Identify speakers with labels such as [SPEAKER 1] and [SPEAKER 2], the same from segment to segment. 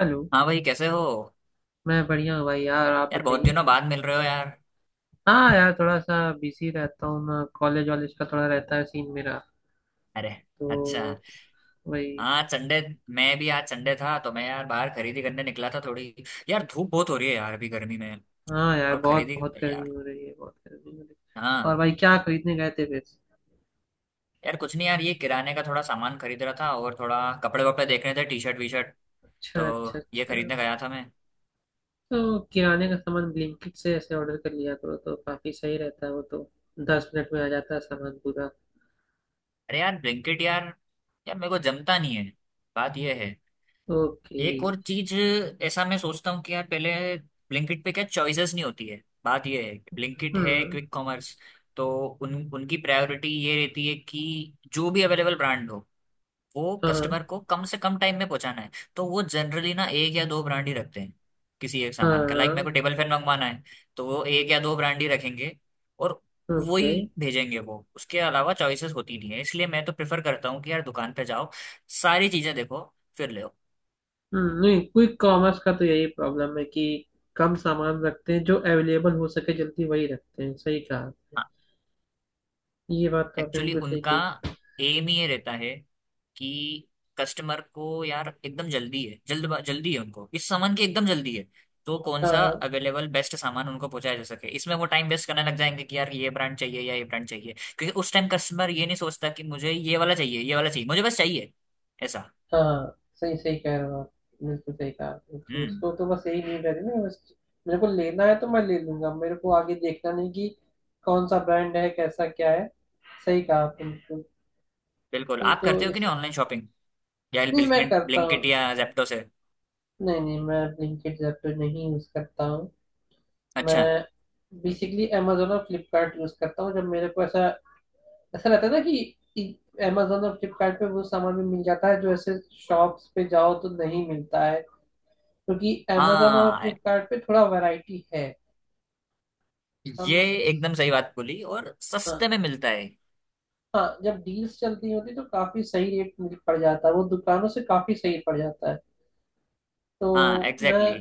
[SPEAKER 1] Hello.
[SPEAKER 2] हाँ भाई, कैसे हो?
[SPEAKER 1] मैं बढ़िया हूँ भाई, यार आप
[SPEAKER 2] यार, बहुत
[SPEAKER 1] बताइए।
[SPEAKER 2] दिनों बाद मिल रहे हो यार।
[SPEAKER 1] हाँ यार, थोड़ा सा बिजी रहता हूँ, मैं कॉलेज वॉलेज का थोड़ा रहता है सीन मेरा,
[SPEAKER 2] अरे।
[SPEAKER 1] तो
[SPEAKER 2] अच्छा।
[SPEAKER 1] वही।
[SPEAKER 2] हाँ, संडे। मैं भी आज संडे था तो मैं यार बाहर खरीदी करने निकला था थोड़ी। यार, धूप बहुत हो रही है यार अभी गर्मी में।
[SPEAKER 1] हाँ यार,
[SPEAKER 2] और
[SPEAKER 1] बहुत
[SPEAKER 2] खरीदी
[SPEAKER 1] बहुत
[SPEAKER 2] यार।
[SPEAKER 1] गर्मी हो रही है, बहुत गर्मी हो रही है। और
[SPEAKER 2] हाँ,
[SPEAKER 1] भाई क्या खरीदने गए थे फिर?
[SPEAKER 2] यार कुछ नहीं यार, ये किराने का थोड़ा सामान खरीद रहा था और थोड़ा कपड़े वपड़े देख रहे थे, टी शर्ट वी शर्ट।
[SPEAKER 1] अच्छा
[SPEAKER 2] तो
[SPEAKER 1] अच्छा
[SPEAKER 2] ये
[SPEAKER 1] अच्छा।
[SPEAKER 2] खरीदने गया था मैं।
[SPEAKER 1] तो किराने का सामान ब्लिंकिट से ऐसे ऑर्डर कर लिया करो तो काफी सही रहता है वो तो, 10 मिनट में आ जाता है सामान पूरा।
[SPEAKER 2] अरे यार, ब्लिंकिट यार, यार मेरे को जमता नहीं है। बात ये है।
[SPEAKER 1] ओके।
[SPEAKER 2] एक और चीज। ऐसा मैं सोचता हूँ कि यार पहले ब्लिंकिट पे क्या चॉइसेस नहीं होती है। बात ये है, ब्लिंकिट है
[SPEAKER 1] हम्म।
[SPEAKER 2] Quick commerce. तो उन उनकी प्रायोरिटी ये रहती है कि जो भी अवेलेबल ब्रांड हो, वो
[SPEAKER 1] हाँ।
[SPEAKER 2] कस्टमर को कम से कम टाइम में पहुंचाना है। तो वो जनरली ना एक या दो ब्रांड ही रखते हैं। किसी एक
[SPEAKER 1] हाँ
[SPEAKER 2] सामान का, लाइक मेरे
[SPEAKER 1] हाँ।
[SPEAKER 2] को टेबल फैन मंगवाना है, तो वो एक या दो ब्रांड ही रखेंगे और
[SPEAKER 1] ओके।
[SPEAKER 2] वही भेजेंगे। वो उसके अलावा चॉइसेस होती नहीं है, इसलिए मैं तो प्रेफर करता हूँ कि यार दुकान पे जाओ, सारी चीजें देखो, फिर ले।
[SPEAKER 1] नहीं क्विक कॉमर्स का तो यही प्रॉब्लम है कि कम सामान रखते हैं, जो अवेलेबल हो सके जल्दी वही रखते हैं। सही कहा आपने, ये बात तो आपने
[SPEAKER 2] एक्चुअली
[SPEAKER 1] बिल्कुल सही
[SPEAKER 2] उनका
[SPEAKER 1] कही।
[SPEAKER 2] एम ही ये रहता है कि कस्टमर को यार एकदम जल्दी है, जल्दी है उनको, इस सामान की एकदम जल्दी है। तो कौन सा
[SPEAKER 1] हाँ
[SPEAKER 2] अवेलेबल बेस्ट सामान उनको पहुंचाया जा सके, इसमें वो टाइम वेस्ट करने लग जाएंगे कि यार ये ब्रांड चाहिए या ये ब्रांड चाहिए। क्योंकि उस टाइम कस्टमर ये नहीं सोचता कि मुझे ये वाला चाहिए, ये वाला चाहिए, मुझे बस चाहिए ऐसा।
[SPEAKER 1] हाँ हाँ, सही सही कह रहे हो आप, बिल्कुल सही कहा आपने कि
[SPEAKER 2] हम्म।
[SPEAKER 1] उसको तो बस यही नहीं करे ना, बस मेरे को लेना है तो मैं ले लूंगा, मेरे को आगे देखना नहीं कि कौन सा ब्रांड है कैसा क्या है। सही कहा आपने बिल्कुल।
[SPEAKER 2] बिल्कुल,
[SPEAKER 1] नहीं
[SPEAKER 2] आप
[SPEAKER 1] तो
[SPEAKER 2] करते हो कि
[SPEAKER 1] इस।
[SPEAKER 2] नहीं ऑनलाइन शॉपिंग या
[SPEAKER 1] नहीं मैं
[SPEAKER 2] ब्लिंकिट,
[SPEAKER 1] करता हूँ।
[SPEAKER 2] या जेप्टो से?
[SPEAKER 1] नहीं नहीं मैं ब्लिंकिट ऐप तो नहीं यूज करता हूँ,
[SPEAKER 2] अच्छा।
[SPEAKER 1] मैं बेसिकली Amazon और फ्लिपकार्ट यूज करता हूँ। जब मेरे को ऐसा, ऐसा रहता है ना कि Amazon और फ्लिपकार्ट पे वो सामान भी मिल जाता है जो ऐसे शॉप्स पे जाओ तो नहीं मिलता है, क्योंकि Amazon और
[SPEAKER 2] हाँ,
[SPEAKER 1] फ्लिपकार्ट पे थोड़ा वैरायटी है।
[SPEAKER 2] ये
[SPEAKER 1] हम।
[SPEAKER 2] एकदम सही बात बोली, और
[SPEAKER 1] हाँ
[SPEAKER 2] सस्ते में मिलता है।
[SPEAKER 1] हाँ, जब डील्स चलती होती तो काफी सही रेट मिल पड़ जाता है, वो दुकानों से काफी सही पड़ जाता है।
[SPEAKER 2] हाँ
[SPEAKER 1] तो मैं
[SPEAKER 2] एग्जैक्टली।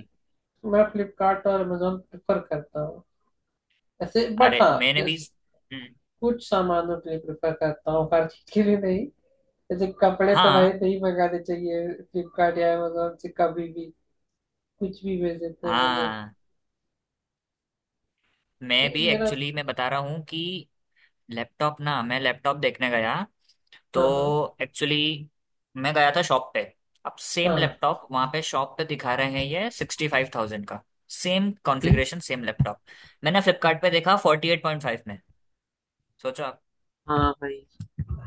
[SPEAKER 1] मैं फ्लिपकार्ट और Amazon प्रेफर करता हूँ ऐसे। बट
[SPEAKER 2] अरे
[SPEAKER 1] हाँ,
[SPEAKER 2] मैंने भी।
[SPEAKER 1] जैसे
[SPEAKER 2] हम्म,
[SPEAKER 1] कुछ सामानों के लिए प्रेफर करता हूँ, हर चीज के लिए नहीं। जैसे कपड़े तो भाई
[SPEAKER 2] हाँ
[SPEAKER 1] नहीं मंगाने चाहिए फ्लिपकार्ट या अमेजोन से कभी भी, कुछ भी भेज देते हैं वो लोग।
[SPEAKER 2] हाँ। मैं भी
[SPEAKER 1] नहीं मेरा।
[SPEAKER 2] एक्चुअली, मैं बता रहा हूँ कि लैपटॉप ना, मैं लैपटॉप देखने गया तो
[SPEAKER 1] हाँ हाँ।
[SPEAKER 2] एक्चुअली मैं गया था शॉप पे। अब सेम
[SPEAKER 1] हाँ।
[SPEAKER 2] लैपटॉप वहाँ पे शॉप पे दिखा रहे हैं ये 65,000 का, same
[SPEAKER 1] okay.
[SPEAKER 2] Configuration, same laptop. मैंने फ्लिपकार्ट पे देखा 48.5 में। सोचो।
[SPEAKER 1] हाँ भाई,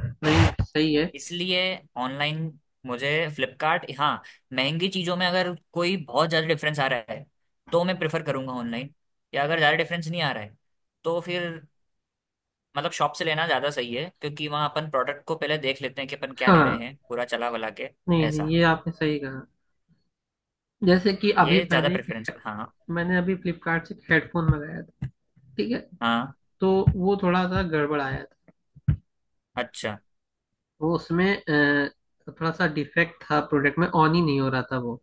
[SPEAKER 1] नहीं सही है।
[SPEAKER 2] इसलिए ऑनलाइन मुझे फ्लिपकार्ट, हाँ, महंगी चीज़ों में अगर कोई बहुत ज़्यादा डिफरेंस आ रहा है तो मैं प्रेफर करूंगा ऑनलाइन। या अगर ज़्यादा डिफरेंस नहीं आ रहा है तो फिर मतलब शॉप से लेना ज़्यादा सही है, क्योंकि वहाँ अपन प्रोडक्ट को पहले देख लेते हैं कि अपन क्या ले रहे
[SPEAKER 1] हाँ।
[SPEAKER 2] हैं, पूरा चला वला के।
[SPEAKER 1] नहीं
[SPEAKER 2] ऐसा।
[SPEAKER 1] नहीं ये आपने सही कहा। जैसे कि अभी
[SPEAKER 2] ये ज़्यादा
[SPEAKER 1] मैंने एक,
[SPEAKER 2] प्रेफरेंस, हाँ।
[SPEAKER 1] मैंने अभी फ्लिपकार्ट से हेडफोन मंगाया था, ठीक है,
[SPEAKER 2] हाँ।
[SPEAKER 1] तो वो थोड़ा सा गड़बड़ आया था।
[SPEAKER 2] अच्छा
[SPEAKER 1] वो उसमें थोड़ा सा डिफेक्ट था प्रोडक्ट में, ऑन ही नहीं हो रहा था वो।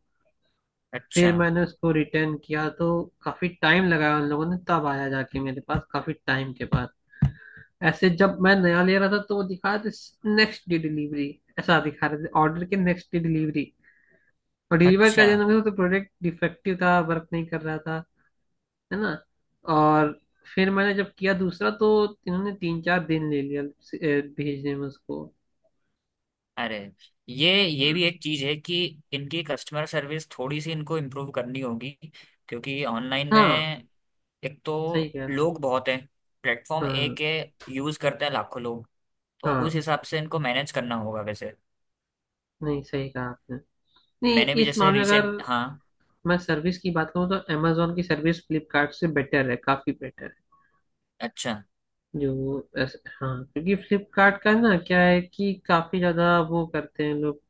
[SPEAKER 1] फिर
[SPEAKER 2] अच्छा
[SPEAKER 1] मैंने उसको रिटर्न किया तो काफी टाइम लगाया उन लोगों ने, तब आया जाके मेरे पास काफी टाइम के बाद। ऐसे जब मैं नया ले रहा था तो वो दिखा रहे थे नेक्स्ट डे डिलीवरी, ऐसा दिखा रहे थे ऑर्डर के नेक्स्ट डे डिलीवरी, और डिलीवर का
[SPEAKER 2] अच्छा।
[SPEAKER 1] जन्म हुआ तो प्रोडक्ट डिफेक्टिव था, वर्क नहीं कर रहा था, है ना। और फिर मैंने जब किया दूसरा तो इन्होंने 3-4 दिन ले लिया भेजने में उसको।
[SPEAKER 2] अरे, ये भी एक चीज़ है कि इनकी कस्टमर सर्विस थोड़ी सी इनको इम्प्रूव करनी होगी, क्योंकि ऑनलाइन में
[SPEAKER 1] हाँ
[SPEAKER 2] एक तो
[SPEAKER 1] सही कह रहा हूँ।
[SPEAKER 2] लोग बहुत हैं, प्लेटफॉर्म
[SPEAKER 1] हाँ
[SPEAKER 2] एक है, यूज करते हैं लाखों लोग। तो उस
[SPEAKER 1] हाँ
[SPEAKER 2] हिसाब से इनको मैनेज करना होगा वैसे।
[SPEAKER 1] नहीं सही कहा आपने। नहीं,
[SPEAKER 2] मैंने भी
[SPEAKER 1] इस
[SPEAKER 2] जैसे
[SPEAKER 1] मामले में
[SPEAKER 2] रिसेंट,
[SPEAKER 1] अगर
[SPEAKER 2] हाँ।
[SPEAKER 1] मैं सर्विस की बात करूँ तो अमेजोन की सर्विस फ्लिपकार्ट से बेटर है, काफी बेटर है।
[SPEAKER 2] अच्छा।
[SPEAKER 1] जो ऐसे हाँ, क्योंकि फ्लिपकार्ट का ना क्या है कि काफी ज्यादा वो करते हैं लोग,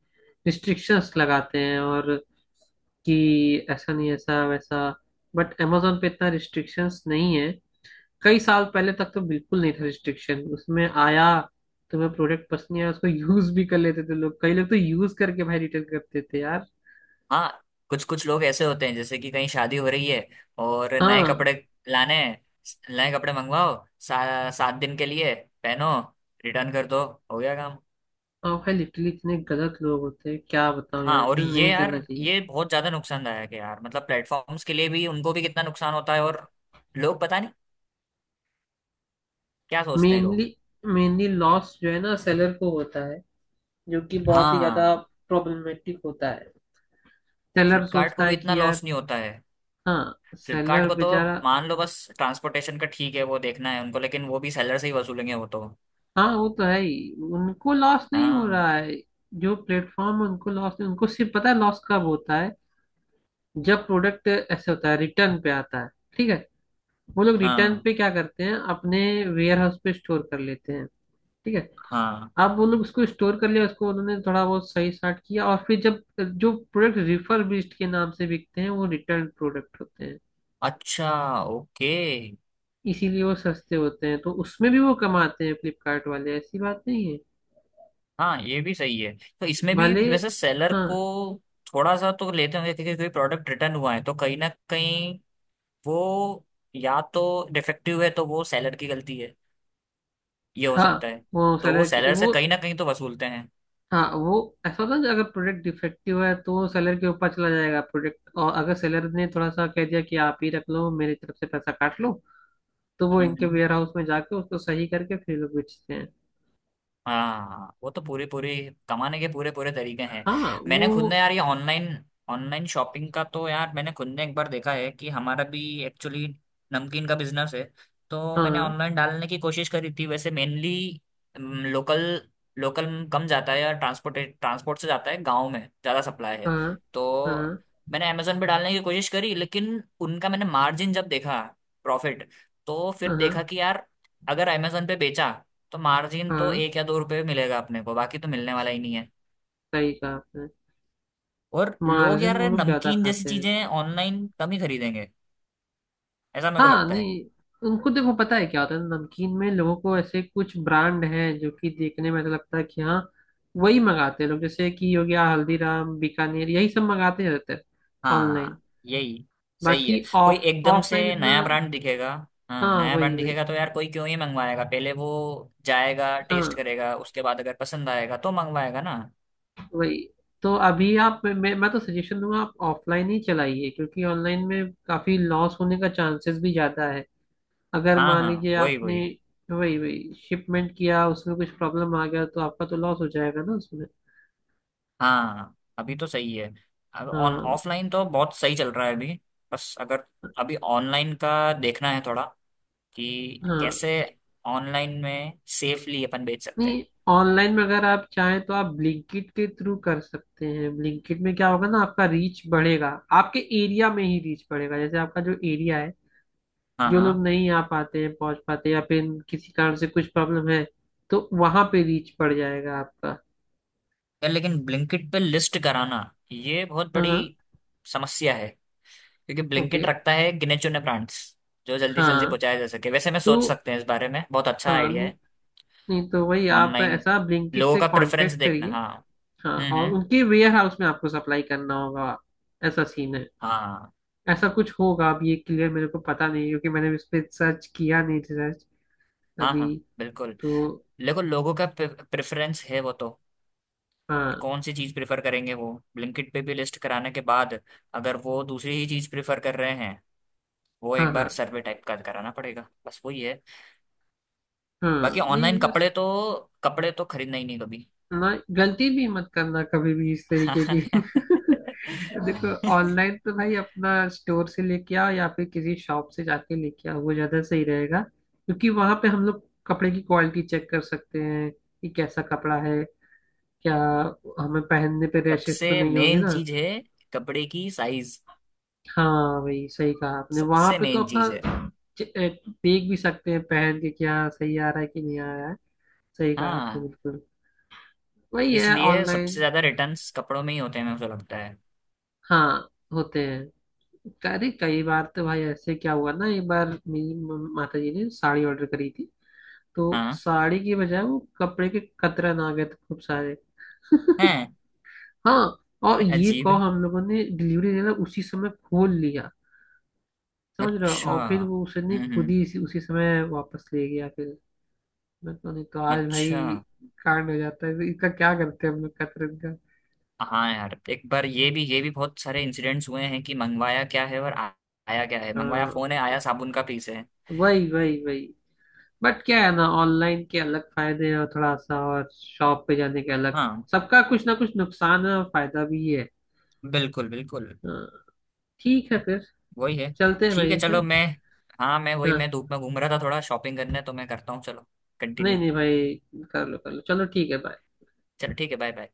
[SPEAKER 1] रिस्ट्रिक्शंस लगाते हैं और कि ऐसा नहीं ऐसा वैसा। बट amazon पे इतना रिस्ट्रिक्शंस नहीं है, कई साल पहले तक तो बिल्कुल नहीं था। रिस्ट्रिक्शन उसमें आया तुम्हें प्रोडक्ट पसंद नहीं आया, उसको यूज भी कर लेते थे लोग, कई लोग तो यूज करके भाई रिटर्न करते थे यार।
[SPEAKER 2] हाँ, कुछ कुछ लोग ऐसे होते हैं जैसे कि कहीं शादी हो रही है और नए
[SPEAKER 1] हाँ
[SPEAKER 2] कपड़े लाने हैं। नए कपड़े मंगवाओ, 7 दिन के लिए पहनो, रिटर्न कर दो। हो गया काम।
[SPEAKER 1] और भाई लिटरली इतने गलत लोग होते हैं, क्या बताऊं
[SPEAKER 2] हाँ,
[SPEAKER 1] यार,
[SPEAKER 2] और
[SPEAKER 1] इतना
[SPEAKER 2] ये
[SPEAKER 1] नहीं
[SPEAKER 2] यार,
[SPEAKER 1] करना चाहिए।
[SPEAKER 2] ये बहुत ज्यादा नुकसानदायक है यार, मतलब प्लेटफॉर्म्स के लिए भी, उनको भी कितना नुकसान होता है। और लोग पता नहीं क्या सोचते हैं
[SPEAKER 1] मेनली,
[SPEAKER 2] लोग।
[SPEAKER 1] मेनली लॉस जो है ना सेलर को होता है, जो कि बहुत ही
[SPEAKER 2] हाँ
[SPEAKER 1] ज्यादा
[SPEAKER 2] हाँ।
[SPEAKER 1] प्रॉब्लमेटिक होता है। सेलर
[SPEAKER 2] फ्लिपकार्ट
[SPEAKER 1] सोचता
[SPEAKER 2] को भी
[SPEAKER 1] है
[SPEAKER 2] इतना
[SPEAKER 1] कि यार।
[SPEAKER 2] लॉस नहीं होता है।
[SPEAKER 1] हाँ
[SPEAKER 2] फ्लिपकार्ट
[SPEAKER 1] सेलर
[SPEAKER 2] को तो
[SPEAKER 1] बेचारा।
[SPEAKER 2] मान लो बस ट्रांसपोर्टेशन का ठीक है, वो देखना है उनको, लेकिन वो भी सेलर से ही वसूलेंगे वो तो।
[SPEAKER 1] हाँ वो तो है ही, उनको लॉस नहीं हो
[SPEAKER 2] हाँ।
[SPEAKER 1] रहा है, जो प्लेटफॉर्म उनको लॉस नहीं, उनको सिर्फ पता है लॉस कब होता है, जब प्रोडक्ट ऐसे होता है रिटर्न पे आता है, ठीक है, वो लोग रिटर्न
[SPEAKER 2] हाँ
[SPEAKER 1] पे क्या करते हैं अपने वेयर हाउस पे स्टोर कर लेते हैं, ठीक है।
[SPEAKER 2] हाँ।
[SPEAKER 1] अब वो लोग उसको स्टोर कर लिया, उसको उन्होंने थोड़ा बहुत सही साट किया और फिर जब, जो प्रोडक्ट रिफर्बिश्ड के नाम से बिकते हैं वो रिटर्न प्रोडक्ट होते हैं,
[SPEAKER 2] अच्छा। ओके।
[SPEAKER 1] इसीलिए वो सस्ते होते हैं, तो उसमें भी वो कमाते हैं फ्लिपकार्ट वाले, ऐसी बात नहीं है।
[SPEAKER 2] हाँ, ये भी सही है। तो इसमें भी
[SPEAKER 1] भले।
[SPEAKER 2] वैसे सेलर
[SPEAKER 1] हाँ।
[SPEAKER 2] को थोड़ा सा तो लेते होंगे, क्योंकि कोई प्रोडक्ट रिटर्न हुआ है तो कहीं ना कहीं वो, या तो डिफेक्टिव है तो वो सेलर की गलती है, ये हो
[SPEAKER 1] हाँ
[SPEAKER 2] सकता है।
[SPEAKER 1] वो
[SPEAKER 2] तो वो
[SPEAKER 1] सेलर के
[SPEAKER 2] सेलर से
[SPEAKER 1] वो।
[SPEAKER 2] कहीं ना कहीं तो वसूलते हैं।
[SPEAKER 1] हाँ वो ऐसा होता है ना, अगर प्रोडक्ट डिफेक्टिव है तो सेलर के ऊपर चला जाएगा प्रोडक्ट, और अगर सेलर ने थोड़ा सा कह दिया कि आप ही रख लो, मेरी तरफ से पैसा काट लो, तो वो इनके
[SPEAKER 2] हम्म।
[SPEAKER 1] वेयर हाउस में जाके उसको सही करके फिर लोग बेचते हैं।
[SPEAKER 2] हाँ, वो तो पूरे पूरे कमाने के पूरे पूरे तरीके हैं।
[SPEAKER 1] हाँ
[SPEAKER 2] मैंने खुद ने
[SPEAKER 1] वो।
[SPEAKER 2] यार ये ऑनलाइन, शॉपिंग का तो यार मैंने खुद ने एक बार देखा है कि हमारा भी एक्चुअली नमकीन का बिजनेस है। तो मैंने
[SPEAKER 1] हाँ
[SPEAKER 2] ऑनलाइन डालने की कोशिश करी थी वैसे। मेनली लोकल, लोकल कम जाता है यार, ट्रांसपोर्ट, से जाता है, गाँव में ज़्यादा सप्लाई है।
[SPEAKER 1] हाँ
[SPEAKER 2] तो
[SPEAKER 1] हाँ
[SPEAKER 2] मैंने अमेजोन पे डालने की कोशिश करी, लेकिन उनका मैंने मार्जिन जब देखा, प्रॉफिट, तो फिर
[SPEAKER 1] हाँ।
[SPEAKER 2] देखा कि यार अगर अमेजोन पे बेचा तो मार्जिन तो
[SPEAKER 1] हाँ
[SPEAKER 2] एक या दो रुपए मिलेगा अपने को, बाकी तो मिलने वाला ही नहीं है।
[SPEAKER 1] सही कहा आपने,
[SPEAKER 2] और लोग
[SPEAKER 1] मार्जिन
[SPEAKER 2] यार
[SPEAKER 1] वो लोग ज्यादा
[SPEAKER 2] नमकीन जैसी
[SPEAKER 1] खाते हैं।
[SPEAKER 2] चीजें ऑनलाइन कम ही खरीदेंगे ऐसा मेरे को
[SPEAKER 1] हाँ
[SPEAKER 2] लगता है।
[SPEAKER 1] नहीं, उनको देखो पता है क्या होता है, नमकीन में लोगों को ऐसे कुछ ब्रांड हैं जो कि देखने में ऐसा लगता है कि हाँ वही मंगाते हैं लोग, जैसे कि हो गया हल्दीराम बीकानेर यही सब मंगाते रहते हैं ऑनलाइन।
[SPEAKER 2] हाँ। यही सही
[SPEAKER 1] बाकी
[SPEAKER 2] है, कोई
[SPEAKER 1] ऑफ,
[SPEAKER 2] एकदम से
[SPEAKER 1] ऑफलाइन इतना।
[SPEAKER 2] नया ब्रांड दिखेगा, हाँ
[SPEAKER 1] हाँ
[SPEAKER 2] नया
[SPEAKER 1] वही
[SPEAKER 2] ब्रांड
[SPEAKER 1] वही।
[SPEAKER 2] दिखेगा तो यार कोई क्यों ही मंगवाएगा? पहले वो जाएगा, टेस्ट
[SPEAKER 1] हाँ
[SPEAKER 2] करेगा, उसके बाद अगर पसंद आएगा तो मंगवाएगा ना।
[SPEAKER 1] वही। तो अभी आप, मैं तो सजेशन दूंगा आप ऑफलाइन ही चलाइए, क्योंकि ऑनलाइन में काफी लॉस होने का चांसेस भी ज्यादा है। अगर
[SPEAKER 2] हाँ
[SPEAKER 1] मान
[SPEAKER 2] हाँ,
[SPEAKER 1] लीजिए
[SPEAKER 2] वही
[SPEAKER 1] आपने
[SPEAKER 2] वही।
[SPEAKER 1] वही वही शिपमेंट किया, उसमें कुछ प्रॉब्लम आ गया तो आपका तो लॉस हो जाएगा ना उसमें।
[SPEAKER 2] हाँ, अभी तो सही है। अब ऑन
[SPEAKER 1] हाँ वही।
[SPEAKER 2] ऑफलाइन तो बहुत सही चल रहा है अभी। बस अगर अभी ऑनलाइन का देखना है थोड़ा कि
[SPEAKER 1] हाँ
[SPEAKER 2] कैसे ऑनलाइन में सेफली अपन बेच सकते हैं।
[SPEAKER 1] नहीं, ऑनलाइन में अगर आप चाहें तो आप ब्लिंकिट के थ्रू कर सकते हैं। ब्लिंकिट में क्या होगा ना आपका रीच बढ़ेगा, आपके एरिया में ही रीच बढ़ेगा, जैसे आपका जो एरिया है,
[SPEAKER 2] हाँ
[SPEAKER 1] जो
[SPEAKER 2] हाँ।
[SPEAKER 1] लोग नहीं आ पाते हैं पहुंच पाते या फिर किसी कारण से कुछ प्रॉब्लम है, तो वहां पे रीच बढ़ जाएगा आपका।
[SPEAKER 2] यार लेकिन ब्लिंकिट पे लिस्ट कराना, ये बहुत बड़ी
[SPEAKER 1] हाँ।
[SPEAKER 2] समस्या है। क्योंकि
[SPEAKER 1] ओके।
[SPEAKER 2] ब्लिंकिट रखता है गिने चुने ब्रांड्स, जो जल्दी से जल्दी
[SPEAKER 1] हाँ।
[SPEAKER 2] पहुंचाया जा सके। वैसे मैं सोच
[SPEAKER 1] तो
[SPEAKER 2] सकते हैं इस बारे में, बहुत अच्छा
[SPEAKER 1] हाँ,
[SPEAKER 2] आइडिया है।
[SPEAKER 1] नहीं तो वही आप
[SPEAKER 2] ऑनलाइन
[SPEAKER 1] ऐसा ब्लिंकिट
[SPEAKER 2] लोगों
[SPEAKER 1] से
[SPEAKER 2] का प्रेफरेंस
[SPEAKER 1] कांटेक्ट
[SPEAKER 2] देखना,
[SPEAKER 1] करिए।
[SPEAKER 2] हाँ।
[SPEAKER 1] हाँ और
[SPEAKER 2] हम्म।
[SPEAKER 1] उनके वेयर हाउस में आपको सप्लाई करना होगा, ऐसा सीन है,
[SPEAKER 2] हाँ
[SPEAKER 1] ऐसा कुछ होगा, अब ये क्लियर मेरे को पता नहीं, क्योंकि मैंने इस पे सर्च किया नहीं रिसर्च
[SPEAKER 2] हाँ।
[SPEAKER 1] अभी।
[SPEAKER 2] हाँ बिल्कुल।
[SPEAKER 1] तो
[SPEAKER 2] देखो लोगों का प्रेफरेंस है वो तो,
[SPEAKER 1] हाँ।
[SPEAKER 2] कौन सी चीज प्रेफर करेंगे वो, ब्लिंकिट पे भी लिस्ट कराने के बाद अगर वो दूसरी ही चीज प्रेफर कर रहे हैं, वो
[SPEAKER 1] हाँ
[SPEAKER 2] एक बार
[SPEAKER 1] हाँ।
[SPEAKER 2] सर्वे टाइप का कराना पड़ेगा, बस वही है।
[SPEAKER 1] हाँ
[SPEAKER 2] बाकी
[SPEAKER 1] नहीं
[SPEAKER 2] ऑनलाइन
[SPEAKER 1] बस,
[SPEAKER 2] कपड़े तो, कपड़े तो खरीदना ही नहीं कभी।
[SPEAKER 1] ना गलती भी मत करना कभी भी इस तरीके की। देखो ऑनलाइन तो भाई अपना, स्टोर से लेके आओ या फिर किसी शॉप से जाके लेके आओ, वो ज्यादा सही रहेगा, क्योंकि वहां पे हम लोग कपड़े की क्वालिटी चेक कर सकते हैं कि कैसा कपड़ा है, क्या हमें पहनने पे रैशेस तो
[SPEAKER 2] सबसे
[SPEAKER 1] नहीं होंगे
[SPEAKER 2] मेन
[SPEAKER 1] ना।
[SPEAKER 2] चीज है कपड़े की साइज,
[SPEAKER 1] हाँ भाई सही कहा आपने, वहां
[SPEAKER 2] सबसे
[SPEAKER 1] पे तो
[SPEAKER 2] मेन
[SPEAKER 1] अपना
[SPEAKER 2] चीज है।
[SPEAKER 1] देख भी सकते हैं पहन के क्या सही आ रहा है कि नहीं आ रहा है। सही कहा आपने
[SPEAKER 2] हाँ।
[SPEAKER 1] बिल्कुल, वही है
[SPEAKER 2] इसलिए सबसे
[SPEAKER 1] ऑनलाइन।
[SPEAKER 2] ज्यादा रिटर्न्स कपड़ों में ही होते हैं मुझे लगता है।
[SPEAKER 1] हाँ होते हैं। अरे कई बार तो भाई ऐसे क्या हुआ ना, एक बार मेरी माता जी ने साड़ी ऑर्डर करी थी, तो
[SPEAKER 2] हाँ।
[SPEAKER 1] साड़ी की बजाय वो कपड़े के कतरन आ गए थे खूब सारे।
[SPEAKER 2] हैं?
[SPEAKER 1] हाँ, और ये
[SPEAKER 2] अजीब
[SPEAKER 1] कहो
[SPEAKER 2] है।
[SPEAKER 1] हम लोगों ने डिलीवरी देना उसी समय खोल लिया, समझ रहे हो,
[SPEAKER 2] अच्छा।
[SPEAKER 1] और फिर वो उसने खुद
[SPEAKER 2] हम्म।
[SPEAKER 1] ही इसी उसी समय वापस ले गया फिर। मैं तो, नहीं तो आज
[SPEAKER 2] अच्छा।
[SPEAKER 1] भाई कांड हो जाता है, इसका क्या करते हैं हम लोग कतरन का।
[SPEAKER 2] हाँ यार, एक बार ये भी, ये भी बहुत सारे इंसिडेंट्स हुए हैं कि मंगवाया क्या है और आया क्या है। मंगवाया
[SPEAKER 1] हाँ
[SPEAKER 2] फोन है, आया साबुन का पीस है।
[SPEAKER 1] वही वही वही। बट क्या है ना, ऑनलाइन के अलग फायदे हैं और थोड़ा सा और शॉप पे जाने के अलग,
[SPEAKER 2] हाँ।
[SPEAKER 1] सबका कुछ ना कुछ नुकसान है और फायदा भी है।
[SPEAKER 2] बिल्कुल बिल्कुल।
[SPEAKER 1] हाँ ठीक है फिर,
[SPEAKER 2] वही है।
[SPEAKER 1] चलते हैं
[SPEAKER 2] ठीक
[SPEAKER 1] भाई
[SPEAKER 2] है,
[SPEAKER 1] है।
[SPEAKER 2] चलो मैं, हाँ मैं वही, मैं
[SPEAKER 1] हाँ।
[SPEAKER 2] धूप में घूम रहा था थोड़ा शॉपिंग करने, तो मैं करता हूँ चलो कंटिन्यू।
[SPEAKER 1] नहीं नहीं भाई कर लो कर लो, चलो ठीक है bye।
[SPEAKER 2] चलो ठीक है, बाय बाय।